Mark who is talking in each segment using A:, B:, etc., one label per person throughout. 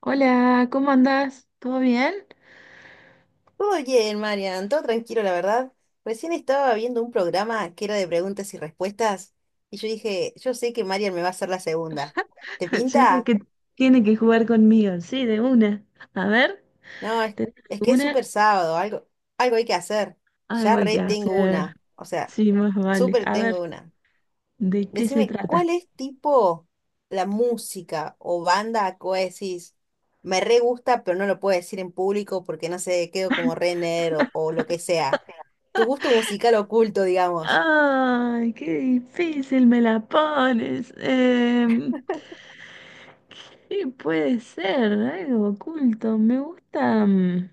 A: Hola, ¿cómo andás? ¿Todo bien?
B: Todo bien, Marian, todo tranquilo, la verdad. Recién estaba viendo un programa que era de preguntas y respuestas y yo dije, yo sé que Marian me va a hacer la segunda. ¿Te
A: Yo sé
B: pinta?
A: que tiene que jugar conmigo, sí, de una. A ver,
B: No,
A: ¿tenés
B: es que es
A: alguna?
B: súper sábado, algo, algo hay que hacer.
A: Algo
B: Ya
A: hay que
B: re tengo
A: hacer.
B: una, o sea,
A: Sí, más vale.
B: súper
A: A ver,
B: tengo una.
A: ¿de qué se
B: Decime,
A: trata?
B: ¿cuál es tipo la música o banda que vos decís? Me re gusta, pero no lo puedo decir en público porque no sé, quedo como re nerd o lo que sea. Tu gusto musical oculto, digamos.
A: ¡Ay, qué difícil me la pones! ¿Qué puede ser? Algo oculto. Me gusta.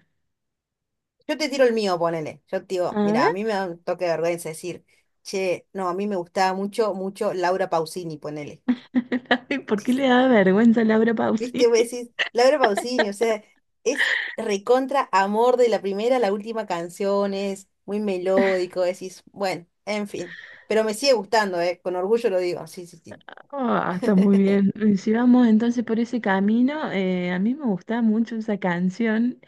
B: Yo te tiro el mío, ponele. Yo te digo,
A: A
B: mira,
A: ver,
B: a mí me da un toque de vergüenza decir, che, no, a mí me gustaba mucho, mucho Laura Pausini, ponele.
A: ay, ¿por qué le da vergüenza a Laura
B: ¿Viste?
A: Pausini?
B: Vos decís, Laura Pausini, o sea, es recontra amor de la primera a la última canción, es muy melódico, decís, bueno, en fin. Pero me sigue gustando, ¿eh? Con orgullo lo digo, sí, sí, sí.
A: Ah, está muy bien. Y si vamos entonces por ese camino, a mí me gustaba mucho esa canción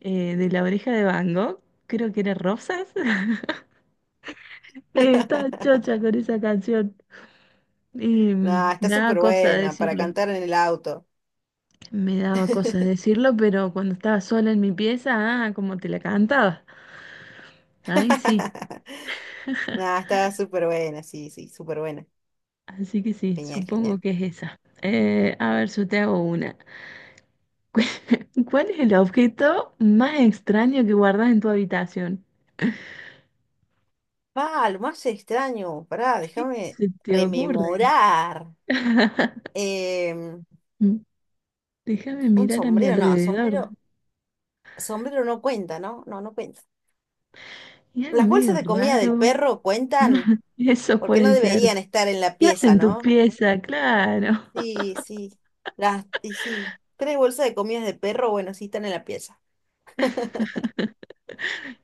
A: de La Oreja de Van Gogh, creo que era Rosas. Estaba chocha con esa canción y
B: Nah, está
A: me daba
B: súper
A: cosa
B: buena para
A: decirlo.
B: cantar en el auto.
A: Me daba cosa decirlo, pero cuando estaba sola en mi pieza, ah, como te la cantaba. Ahí sí.
B: Nah, está súper buena, sí, sí, súper buena.
A: Así que sí,
B: Genial,
A: supongo
B: genial.
A: que es esa. A ver, yo te hago una. ¿Cuál es el objeto más extraño que guardas en tu habitación?
B: Ah, lo más extraño, pará,
A: ¿Qué
B: déjame
A: se te ocurre?
B: rememorar. Em,
A: Déjame
B: un
A: mirar a mi
B: sombrero, no,
A: alrededor.
B: sombrero, sombrero no cuenta, ¿no? No, no cuenta.
A: Y algo
B: ¿Las bolsas
A: medio
B: de comida
A: raro.
B: del perro
A: No,
B: cuentan?
A: eso
B: Porque no
A: puede ser.
B: deberían estar en la
A: ¿Qué hace
B: pieza,
A: en tu
B: ¿no?
A: pieza? Claro.
B: Sí, sí. Las, y sí, tres bolsas de comidas de perro, bueno, sí están en la pieza.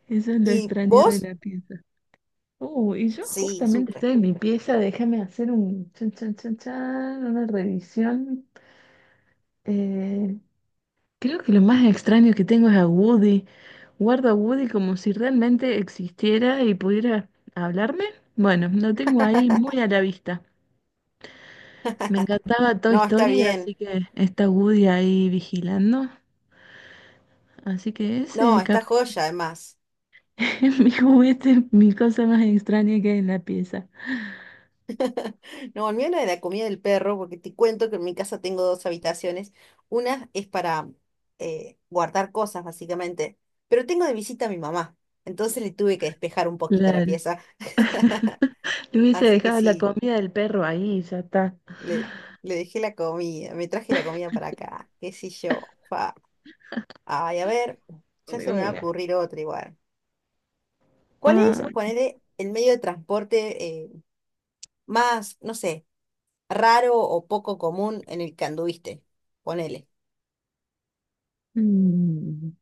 A: Eso es lo
B: ¿Y
A: extraño de
B: vos?
A: la pieza. Y yo
B: Sí,
A: justamente
B: supe.
A: estoy en mi pieza. Déjame hacer un chan, chan, chan, chan, una revisión. Eh, creo que lo más extraño que tengo es a Woody. Guardo a Woody como si realmente existiera y pudiera hablarme. Bueno, lo tengo ahí muy a la vista. Me encantaba Toy
B: No, está
A: Story, así
B: bien.
A: que está Woody ahí vigilando. Así que
B: No,
A: ese
B: está
A: capaz
B: joya, además.
A: es mi juguete, mi cosa más extraña que hay en la pieza.
B: No, el mío era de la comida del perro, porque te cuento que en mi casa tengo dos habitaciones. Una es para guardar cosas, básicamente, pero tengo de visita a mi mamá, entonces le tuve que despejar un poquito la
A: Claro.
B: pieza.
A: Le hubiese
B: Así que
A: dejado la
B: sí,
A: comida del perro ahí, ya está.
B: le, le dejé la comida, me traje la comida para acá, qué sé yo. Fa. Ay, a ver, ya
A: De
B: se me va a
A: una.
B: ocurrir otra igual. ¿Cuál es,
A: Ah,
B: ponele, el medio de transporte más, no sé, raro o poco común en el que anduviste? Ponele.
A: mm,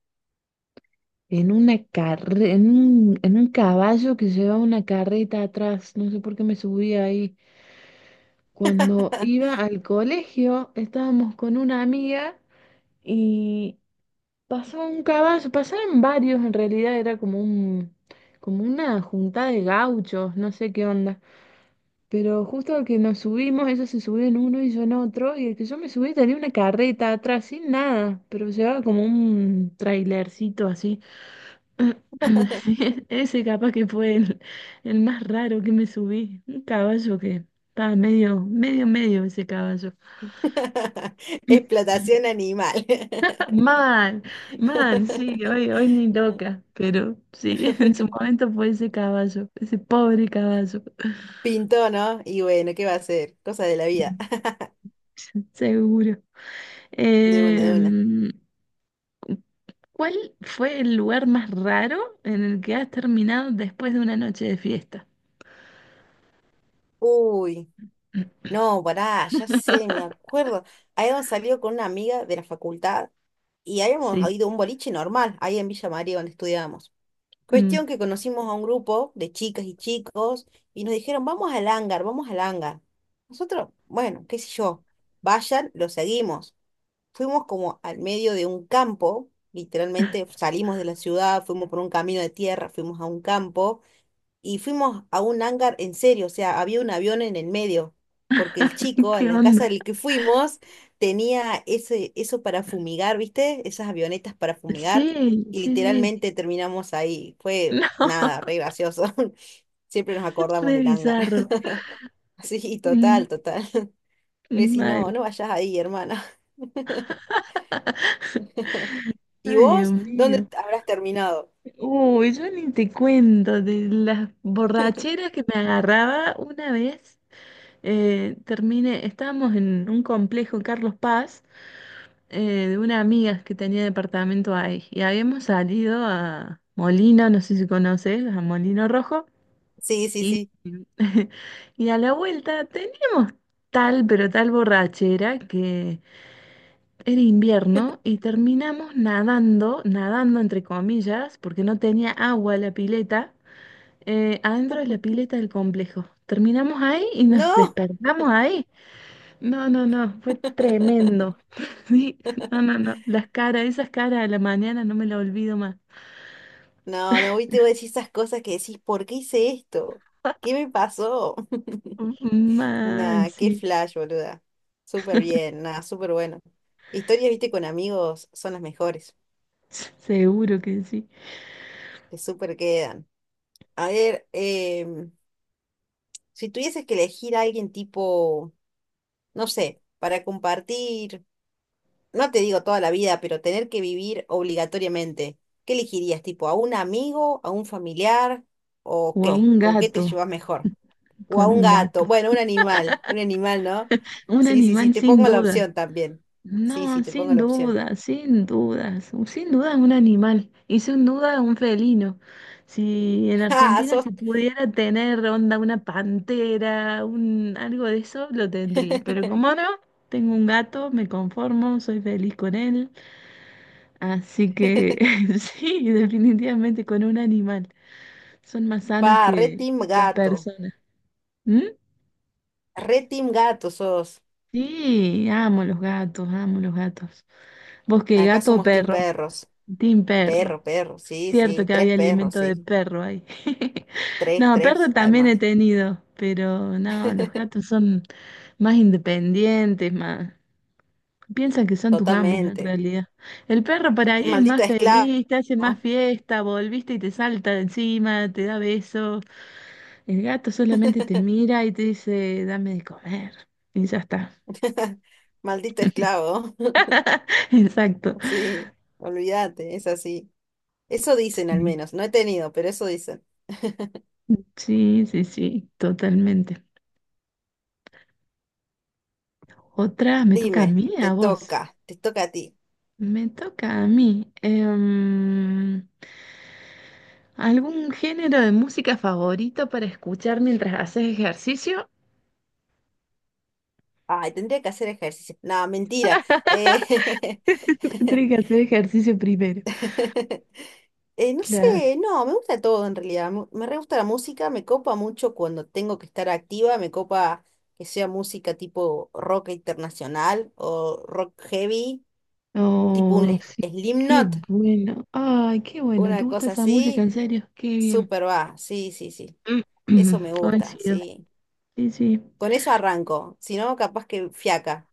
A: en un caballo que llevaba una carreta atrás. No sé por qué me subí ahí. Cuando iba al colegio, estábamos con una amiga y pasaba un caballo, pasaban varios en realidad, era como como una juntada de gauchos, no sé qué onda. Pero justo al que nos subimos, ellos se subió en uno y yo en otro, y el que yo me subí tenía una carreta atrás sin nada, pero llevaba como un trailercito así. Sí, ese capaz que fue el más raro que me subí, un caballo que estaba medio ese caballo.
B: Explotación animal.
A: Man, man, sí, hoy ni loca, pero sí, en su momento fue ese caballo, ese pobre caballo.
B: Pintó, ¿no? Y bueno, ¿qué va a hacer? Cosa de la vida.
A: Mm, seguro.
B: De una, de una.
A: Em, ¿Cuál fue el lugar más raro en el que has terminado después de una noche de fiesta?
B: Uy, no, pará, ya sé, me acuerdo. Habíamos salido con una amiga de la facultad y habíamos
A: Sí,
B: ido a un boliche normal, ahí en Villa María, donde estudiábamos.
A: mm,
B: Cuestión que conocimos a un grupo de chicas y chicos y nos dijeron, vamos al hangar, vamos al hangar. Nosotros, bueno, qué sé yo, vayan, lo seguimos. Fuimos como al medio de un campo, literalmente salimos de la ciudad, fuimos por un camino de tierra, fuimos a un campo y fuimos a un hangar en serio, o sea, había un avión en el medio, porque el chico en
A: ¿qué
B: la casa
A: onda?
B: del que fuimos tenía ese, eso para fumigar, ¿viste? Esas avionetas para fumigar
A: Sí,
B: y
A: sí, sí,
B: literalmente terminamos ahí. Fue
A: no,
B: nada, re gracioso. Siempre nos acordamos
A: re
B: del hangar.
A: bizarro.
B: Sí,
A: Mm,
B: total, total. Me decís, no,
A: mal,
B: no vayas ahí, hermana. ¿Y
A: ay Dios
B: vos dónde
A: mío.
B: habrás terminado?
A: Uy, yo ni te cuento de las borracheras que me agarraba una vez. Estábamos en un complejo Carlos Paz, eh, de una amiga que tenía departamento ahí y habíamos salido a Molino, no sé si conoces, a Molino Rojo
B: Sí, sí,
A: y,
B: sí.
A: y a la vuelta teníamos tal pero tal borrachera que era invierno y terminamos nadando, nadando entre comillas porque no tenía agua la pileta, adentro de la pileta del complejo. Terminamos ahí y nos
B: No,
A: despertamos ahí. No, no, no, fue tremendo. Sí, no, no, no. Las caras, esas caras a la mañana no me las olvido más.
B: no, no, hoy te voy a decir esas cosas que decís, ¿por qué hice esto? ¿Qué me pasó?
A: Mal,
B: Nah, qué
A: sí.
B: flash, boluda. Súper bien, nah, súper bueno. Historias, viste, con amigos son las mejores.
A: Seguro que sí.
B: Te súper quedan. A ver, si tuvieses que elegir a alguien tipo, no sé, para compartir. No te digo toda la vida, pero tener que vivir obligatoriamente, ¿qué elegirías? ¿Tipo a un amigo, a un familiar o
A: O a
B: qué?
A: un
B: ¿Con qué te
A: gato,
B: llevas mejor? ¿O a
A: con
B: un
A: un gato.
B: gato? Bueno, un animal, ¿no?
A: Un
B: Sí, sí, sí,
A: animal
B: te
A: sin
B: pongo la
A: duda.
B: opción también. Sí,
A: No,
B: sí, te pongo
A: sin
B: la opción.
A: duda, sin dudas, sin duda es un animal y sin duda es un felino. Si en
B: ¡Ah!
A: Argentina
B: Sos,
A: se pudiera tener onda una pantera, un algo de eso, lo tendría. Pero como no, tengo un gato, me conformo, soy feliz con él. Así que sí, definitivamente con un animal. Son más sanos
B: pa, re
A: que
B: team
A: las
B: gato.
A: personas. ¿Mm?
B: Re team gato sos.
A: Sí, amo los gatos, amo los gatos. ¿Vos qué,
B: Acá
A: gato o
B: somos team
A: perro?
B: perros.
A: Team perro.
B: Perro, perro, sí,
A: Cierto
B: sí.
A: que
B: Tres
A: había
B: perros,
A: alimento de
B: sí.
A: perro ahí.
B: Tres,
A: No, perro
B: tres,
A: también he
B: además.
A: tenido, pero no, los gatos son más independientes, más... Piensan que son tus amos en
B: Totalmente.
A: realidad. El perro por ahí es
B: Maldito
A: más
B: esclavo.
A: feliz, te hace más fiesta, volviste y te salta de encima, te da besos. El gato solamente te mira y te dice, dame de comer. Y ya está.
B: Maldito esclavo.
A: Exacto.
B: Sí, olvídate, es así. Eso dicen al
A: Sí,
B: menos, no he tenido, pero eso dicen.
A: sí, sí, sí, totalmente. Otra, me toca a
B: Dime,
A: mí, a vos.
B: te toca a ti.
A: Me toca a mí. ¿Algún género de música favorito para escuchar mientras haces ejercicio?
B: Ay, tendría que hacer ejercicio. No, mentira. Eh,
A: Tienes que hacer ejercicio primero.
B: no
A: Claro.
B: sé, no, me gusta todo en realidad. Me re gusta la música, me copa mucho cuando tengo que estar activa, me copa que sea música tipo rock internacional o rock heavy, tipo un
A: Oh,
B: Slim-
A: sí, qué
B: Slipknot,
A: bueno. Ay, qué bueno. ¿Te
B: una
A: gusta
B: cosa
A: esa música? En
B: así.
A: serio, qué bien.
B: Súper va, sí, sí, sí.
A: Mm,
B: Eso me gusta,
A: coincido.
B: sí.
A: Sí, sí.
B: Con eso arranco, si no, capaz que fiaca.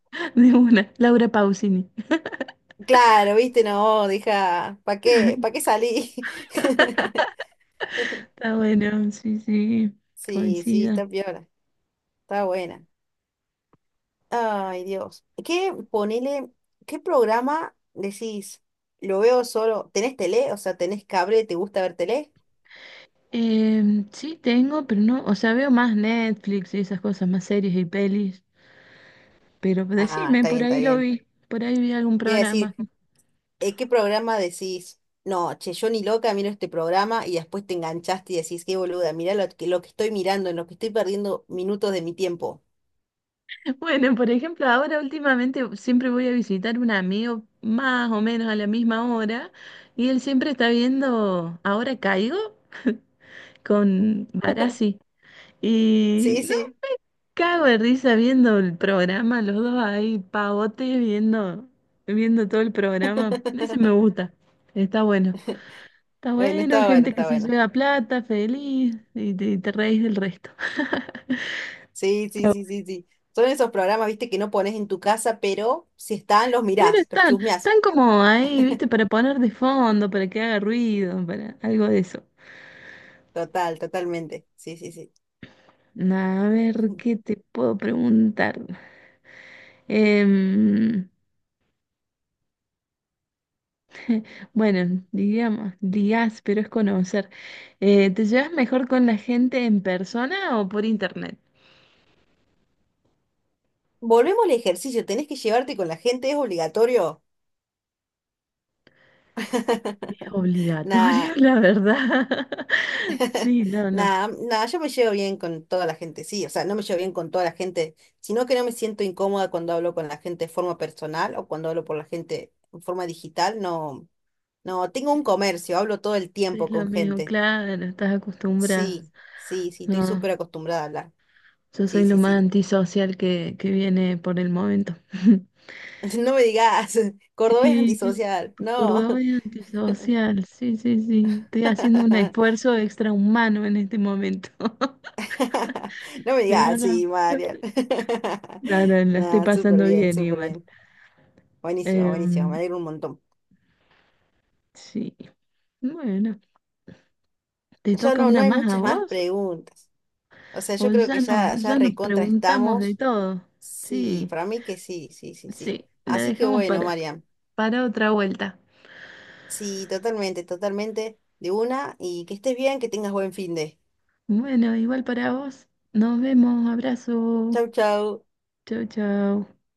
A: De una. Laura Pausini.
B: Claro, viste, no, deja, para qué salí?
A: Está bueno, sí, sí.
B: Sí, sí,
A: Coincido.
B: está piola, está buena. Ay, Dios. ¿Qué, ponele, qué programa decís? Lo veo solo, ¿tenés tele? O sea, ¿tenés cable? ¿Te gusta ver tele?
A: Sí, tengo, pero no, o sea, veo más Netflix y esas cosas, más series y pelis, pero
B: Ah,
A: decime,
B: está
A: por
B: bien, está
A: ahí lo
B: bien.
A: vi, por ahí vi algún
B: Te iba a
A: programa.
B: decir, ¿Qué programa decís? No, che, yo ni loca miro este programa y después te enganchaste y decís, qué boluda, mirá lo que estoy mirando, en lo que estoy perdiendo minutos de mi tiempo.
A: Bueno, por ejemplo, ahora últimamente siempre voy a visitar un amigo más o menos a la misma hora y él siempre está viendo Ahora Caigo con Barassi y
B: Sí,
A: no,
B: sí.
A: cago de risa viendo el programa, los dos ahí pavotes viendo todo el programa, ese me gusta, está bueno. Está
B: Bueno,
A: bueno,
B: está bueno,
A: gente que
B: está
A: se
B: bueno.
A: lleva plata, feliz, y te reís del resto.
B: Sí, sí,
A: Pero
B: sí, sí, sí. Son esos programas, viste, que no pones en tu casa, pero si están, los
A: Pero
B: mirás, los
A: están,
B: chusmeás.
A: están como ahí, ¿viste? Para poner de fondo, para que haga ruido, para algo de eso.
B: Total, totalmente. Sí, sí, sí.
A: A ver, ¿qué te puedo preguntar? Em, bueno, digamos, digas, pero es conocer. ¿Te llevas mejor con la gente en persona o por internet?
B: Volvemos al ejercicio, tenés que llevarte con la gente, es obligatorio.
A: Es obligatorio,
B: Nada,
A: la verdad. Sí, no, no.
B: nada, nada, yo me llevo bien con toda la gente, sí, o sea, no me llevo bien con toda la gente, sino que no me siento incómoda cuando hablo con la gente de forma personal o cuando hablo por la gente en forma digital, no, no, tengo un comercio, hablo todo el tiempo
A: Es lo
B: con
A: mismo,
B: gente,
A: claro, estás acostumbrada.
B: sí, sí, sí, estoy súper
A: No,
B: acostumbrada a hablar,
A: yo soy
B: sí,
A: lo
B: sí,
A: más
B: sí,
A: antisocial que viene por el momento.
B: no me digas, cordobés
A: Sí, sí,
B: antisocial, no,
A: Córdoba es antisocial, sí, sí, sí. Estoy haciendo un esfuerzo extrahumano en este momento,
B: no me
A: pero
B: digas,
A: no,
B: sí, Marian,
A: no, no, la estoy
B: nada, súper
A: pasando
B: bien,
A: bien
B: súper
A: igual.
B: bien. Buenísimo, buenísimo, me
A: Em,
B: alegro un montón.
A: sí, bueno, ¿te
B: Ya
A: toca
B: no, no
A: una
B: hay
A: más a
B: muchas más
A: vos?
B: preguntas. O sea,
A: O
B: yo creo
A: ya
B: que ya, ya
A: ya nos
B: recontra
A: preguntamos de
B: estamos.
A: todo.
B: Sí,
A: Sí,
B: para mí que sí, sí, sí, sí.
A: sí, la
B: Así que
A: dejamos
B: bueno, Marian,
A: para otra vuelta.
B: sí, totalmente, totalmente de una y que estés bien, que tengas buen fin de.
A: Bueno, igual para vos. Nos vemos. Abrazo.
B: Chau, chau.
A: Chau, chau.